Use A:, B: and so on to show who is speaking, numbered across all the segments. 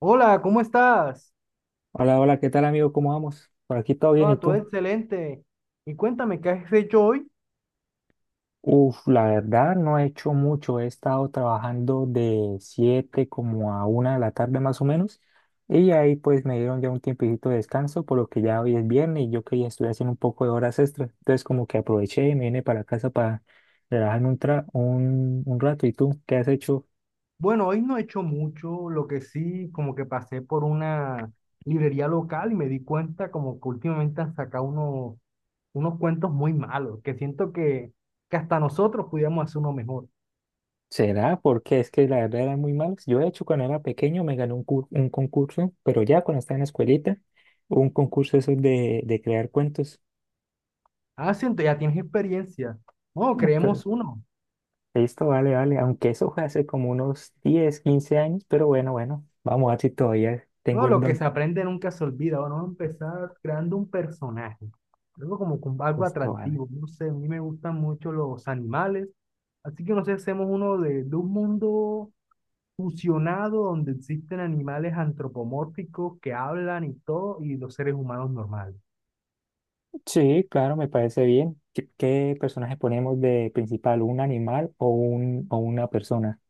A: Hola, ¿cómo estás?
B: Hola, hola, ¿qué tal amigo? ¿Cómo vamos? Por aquí todo bien, ¿y
A: Ah, todo
B: tú?
A: excelente. Y cuéntame, ¿qué has hecho hoy?
B: Uf, la verdad no he hecho mucho, he estado trabajando de 7 como a 1 de la tarde más o menos y ahí pues me dieron ya un tiempito de descanso por lo que ya hoy es viernes y yo que ya estoy haciendo un poco de horas extras, entonces como que aproveché y me vine para casa para relajarme un rato. ¿Y tú qué has hecho?
A: Bueno, hoy no he hecho mucho, lo que sí, como que pasé por una librería local y me di cuenta como que últimamente han sacado unos cuentos muy malos, que siento que hasta nosotros pudiéramos hacer uno mejor.
B: ¿Será? Porque es que la verdad eran muy malos. Yo, de hecho, cuando era pequeño me gané un concurso, pero ya cuando estaba en la escuelita, un concurso eso de crear cuentos.
A: Ah, siento, ya tienes experiencia. No,
B: No, pero
A: creemos uno.
B: listo, vale, vale. Aunque eso fue hace como unos 10 15 años, pero bueno, bueno, vamos a ver si todavía
A: No,
B: tengo el
A: lo que
B: don.
A: se aprende nunca se olvida. Bueno, Vamos a empezar creando un personaje. Algo como con algo
B: Listo, vale.
A: atractivo. No sé, a mí me gustan mucho los animales. Así que no sé, hacemos uno de un mundo fusionado donde existen animales antropomórficos que hablan y todo, y los seres humanos normales.
B: Sí, claro, me parece bien. ¿Qué personaje ponemos de principal? ¿Un animal o una persona?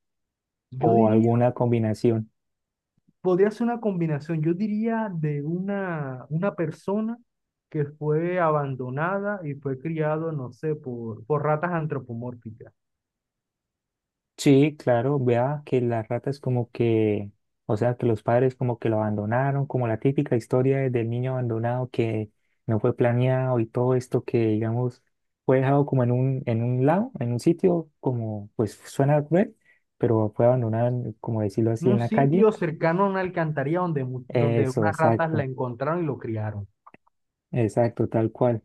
A: Yo
B: ¿O
A: diría,
B: alguna combinación?
A: podría ser una combinación. Yo diría de una persona que fue abandonada y fue criado, no sé, por ratas antropomórficas.
B: Sí, claro, vea que las ratas como que, o sea, que los padres como que lo abandonaron, como la típica historia del niño abandonado que no fue planeado y todo esto que, digamos, fue dejado como en un lado, en un sitio, como, pues suena cruel, pero fue abandonado, como decirlo así, en
A: Un
B: la calle.
A: sitio cercano a una alcantarilla donde, donde
B: Eso,
A: unas ratas la
B: exacto.
A: encontraron y lo criaron.
B: Exacto, tal cual.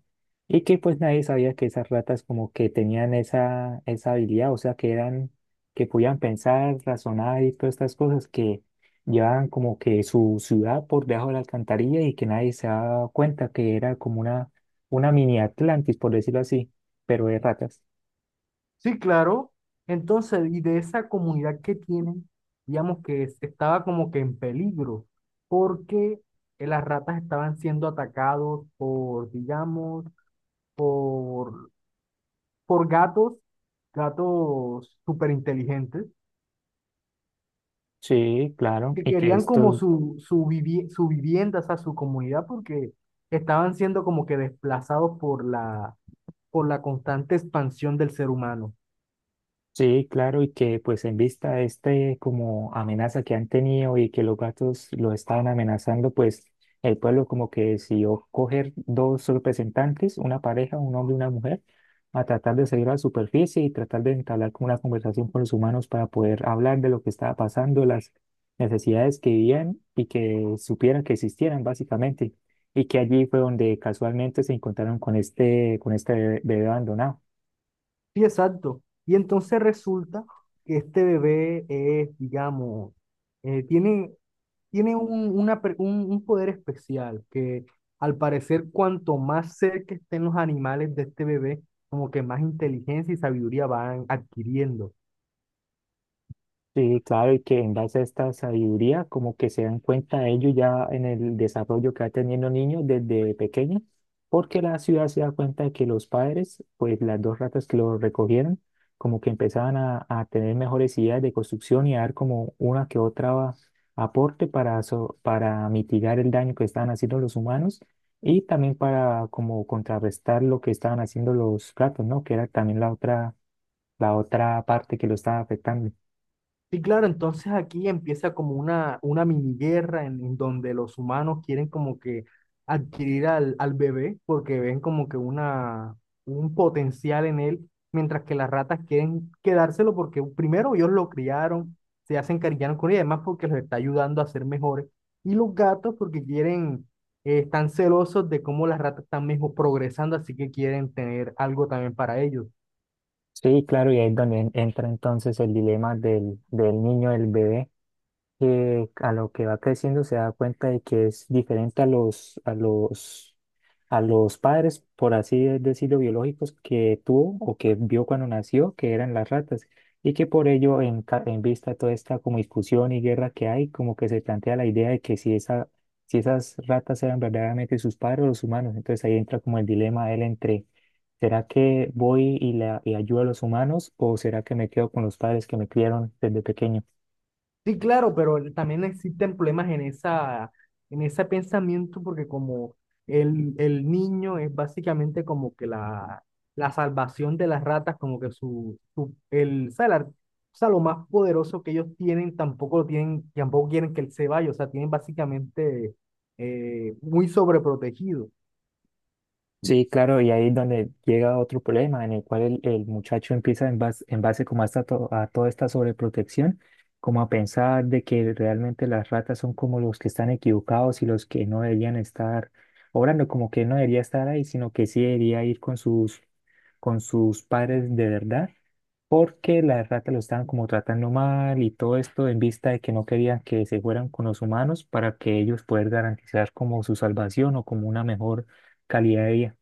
B: Y que pues nadie sabía que esas ratas como que tenían esa habilidad, o sea, que eran, que podían pensar, razonar y todas estas cosas que llevaban como que su ciudad por debajo de la alcantarilla y que nadie se daba cuenta que era como una mini Atlantis, por decirlo así, pero de ratas.
A: Sí, claro. Entonces, y de esa comunidad que tienen, digamos que estaba como que en peligro, porque las ratas estaban siendo atacados por, digamos, por, por gatos, gatos súper inteligentes,
B: Sí, claro.
A: que
B: Y que
A: querían como
B: estos.
A: su vivienda, o sea, su comunidad, porque estaban siendo como que desplazados por la constante expansión del ser humano.
B: Sí, claro, y que pues en vista de este como amenaza que han tenido y que los gatos los estaban amenazando, pues el pueblo como que decidió coger dos representantes, una pareja, un hombre y una mujer, a tratar de seguir a la superficie y tratar de entablar como una conversación con los humanos para poder hablar de lo que estaba pasando, las necesidades que vivían y que supieran que existieran básicamente. Y que allí fue donde casualmente se encontraron con este bebé abandonado.
A: Sí, exacto. Y entonces resulta que este bebé es, digamos, eh, tiene, tiene un, una per- un poder especial que al parecer cuanto más cerca estén los animales de este bebé, como que más inteligencia y sabiduría van adquiriendo.
B: Sí, claro, y que en base a esta sabiduría, como que se dan cuenta ellos ya en el desarrollo que va teniendo niños desde pequeños, porque la ciudad se da cuenta de que los padres, pues las dos ratas que los recogieron, como que empezaban a tener mejores ideas de construcción y a dar como una que otra aporte para, para mitigar el daño que estaban haciendo los humanos y también para como contrarrestar lo que estaban haciendo los gatos, ¿no? Que era también la otra parte que lo estaba afectando.
A: Sí, claro, entonces aquí empieza como una mini guerra en donde los humanos quieren como que adquirir al bebé porque ven como que un potencial en él, mientras que las ratas quieren quedárselo porque primero ellos lo criaron, se hacen encariñaron con él y además porque los está ayudando a ser mejores. Y los gatos porque quieren, están celosos de cómo las ratas están mejor progresando, así que quieren tener algo también para ellos.
B: Sí, claro, y ahí es donde entra entonces el dilema del niño, del bebé que a lo que va creciendo se da cuenta de que es diferente a los padres, por así decirlo, biológicos que tuvo o que vio cuando nació, que eran las ratas, y que por ello, en vista de toda esta como discusión y guerra que hay, como que se plantea la idea de que si si esas ratas eran verdaderamente sus padres o los humanos, entonces ahí entra como el dilema de él entre... ¿Será que voy y ayudo a los humanos o será que me quedo con los padres que me criaron desde pequeño?
A: Sí, claro, pero también existen problemas en esa, en ese pensamiento porque como el niño es básicamente como que la salvación de las ratas, como que su- el, o sea, la- o sea, lo más poderoso que ellos tienen, tampoco lo tienen, tampoco quieren que él se vaya, o sea, tienen básicamente muy sobreprotegido.
B: Sí, claro, y ahí es donde llega otro problema en el cual el muchacho empieza en base como a toda esta sobreprotección, como a pensar de que realmente las ratas son como los que están equivocados y los que no deberían estar obrando, como que no debería estar ahí, sino que sí debería ir con sus padres de verdad, porque las ratas lo estaban como tratando mal y todo esto en vista de que no querían que se fueran con los humanos para que ellos puedan garantizar como su salvación o como una mejor calidad de vida.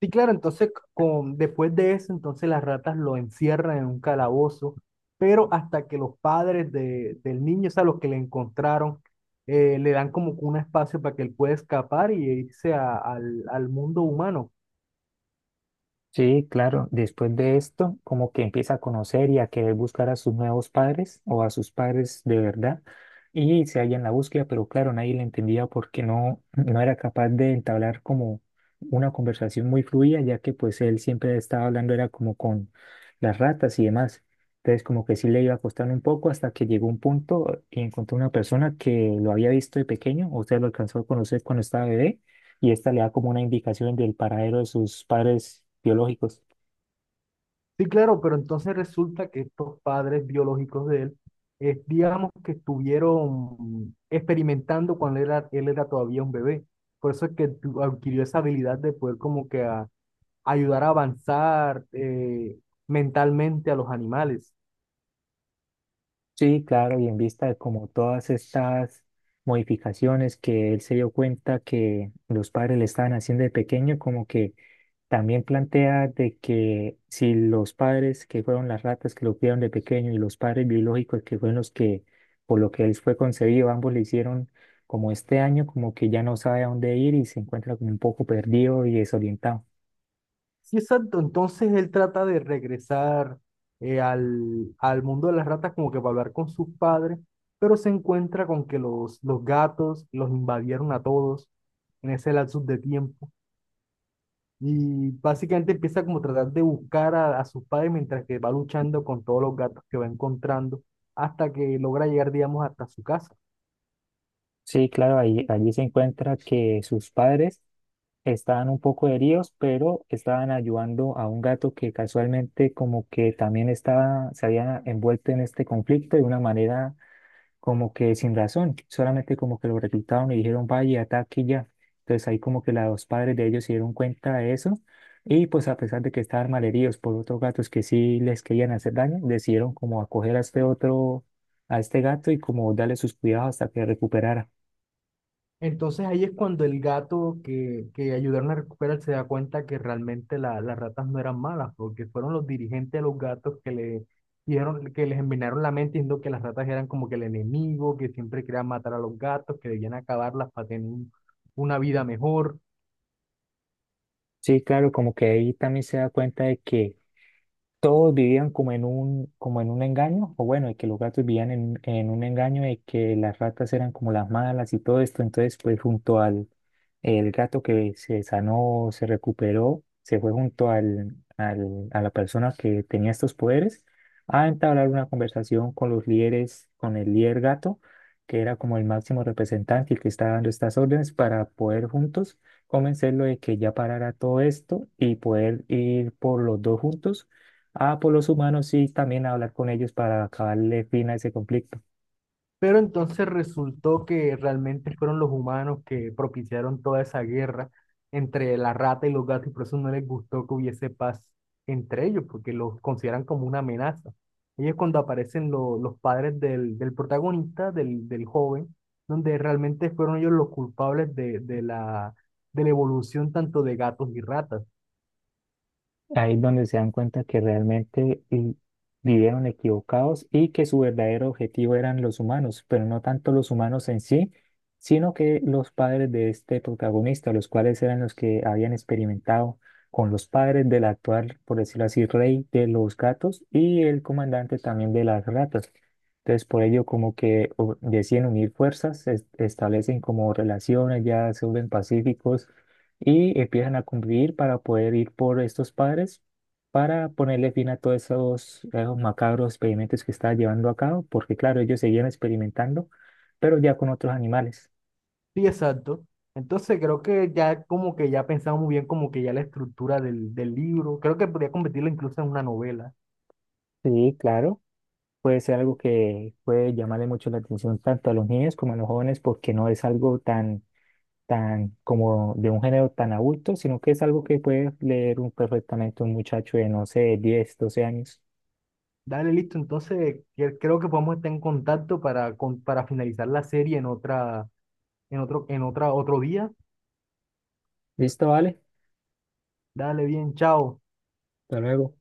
A: Sí, claro, entonces después de eso, entonces las ratas lo encierran en un calabozo, pero hasta que los padres del niño, o sea, los que le encontraron, le dan como que un espacio para que él pueda escapar y irse al mundo humano.
B: Sí, claro. Después de esto, como que empieza a conocer y a querer buscar a sus nuevos padres o a sus padres de verdad. Y se halla en la búsqueda, pero claro, nadie le entendía porque no era capaz de entablar como una conversación muy fluida, ya que pues él siempre estaba hablando era como con las ratas y demás. Entonces como que sí le iba a costar un poco hasta que llegó un punto y encontró una persona que lo había visto de pequeño, o sea, lo alcanzó a conocer cuando estaba bebé y esta le da como una indicación del paradero de sus padres biológicos.
A: Sí, claro, pero entonces resulta que estos padres biológicos de él, digamos que estuvieron experimentando cuando él era todavía un bebé. Por eso es que adquirió esa habilidad de poder como que ayudar a avanzar mentalmente a los animales.
B: Sí, claro, y en vista de como todas estas modificaciones que él se dio cuenta que los padres le estaban haciendo de pequeño, como que también plantea de que si los padres que fueron las ratas que lo criaron de pequeño y los padres biológicos que fueron los que por lo que él fue concebido, ambos le hicieron como este año, como que ya no sabe a dónde ir y se encuentra como un poco perdido y desorientado.
A: Sí, exacto. Entonces él trata de regresar al mundo de las ratas como que para hablar con sus padres, pero se encuentra con que los gatos los invadieron a todos en ese lapsus de tiempo. Y básicamente empieza como a tratar de buscar a sus padres mientras que va luchando con todos los gatos que va encontrando hasta que logra llegar, digamos, hasta su casa.
B: Sí, claro, allí se encuentra que sus padres estaban un poco heridos, pero estaban ayudando a un gato que casualmente como que también estaba, se había envuelto en este conflicto de una manera como que sin razón, solamente como que lo reclutaron y dijeron, vaya, ataque y ya. Entonces ahí como que los padres de ellos se dieron cuenta de eso y pues a pesar de que estaban malheridos por otros gatos que sí les querían hacer daño, decidieron como acoger a este otro, a este gato y como darle sus cuidados hasta que recuperara.
A: Entonces ahí es cuando el gato que ayudaron a recuperar se da cuenta que realmente las ratas no eran malas, porque fueron los dirigentes de los gatos que le dieron, que les envenenaron la mente diciendo que las ratas eran como que el enemigo, que siempre querían matar a los gatos, que debían acabarlas para tener una vida mejor.
B: Sí, claro, como que ahí también se da cuenta de que todos vivían como en un engaño, o bueno, de que los gatos vivían en un engaño de que las ratas eran como las malas y todo esto. Entonces, pues junto al el gato que se sanó, se recuperó, se fue junto a la persona que tenía estos poderes a entablar una conversación con los líderes, con el líder gato, que era como el máximo representante y que estaba dando estas órdenes para poder juntos convencerlo de que ya parara todo esto y poder ir por los dos juntos a por los humanos y también hablar con ellos para acabarle fin a ese conflicto.
A: Pero entonces resultó que realmente fueron los humanos que propiciaron toda esa guerra entre la rata y los gatos y por eso no les gustó que hubiese paz entre ellos, porque los consideran como una amenaza. Ahí es cuando aparecen los padres del protagonista, del joven, donde realmente fueron ellos los culpables de la evolución tanto de gatos y ratas.
B: Ahí es donde se dan cuenta que realmente vivieron equivocados y que su verdadero objetivo eran los humanos, pero no tanto los humanos en sí, sino que los padres de este protagonista, los cuales eran los que habían experimentado con los padres del actual, por decirlo así, rey de los gatos y el comandante también de las ratas. Entonces, por ello, como que deciden unir fuerzas, establecen como relaciones, ya se vuelven pacíficos y empiezan a convivir para poder ir por estos padres para ponerle fin a todos esos macabros experimentos que estaba llevando a cabo, porque claro, ellos seguían experimentando, pero ya con otros animales.
A: Sí, exacto. Entonces creo que ya como que ya pensamos muy bien como que ya la estructura del libro, creo que podría convertirlo incluso en una novela.
B: Sí, claro, puede ser algo que puede llamarle mucho la atención tanto a los niños como a los jóvenes, porque no es algo tan como de un género tan adulto, sino que es algo que puede leer perfectamente un muchacho de, no sé, 10 12 años.
A: Dale, listo. Entonces, creo que podemos estar en contacto para, para finalizar la serie en otra, otro día.
B: Listo, vale,
A: Dale, bien, chao.
B: hasta luego.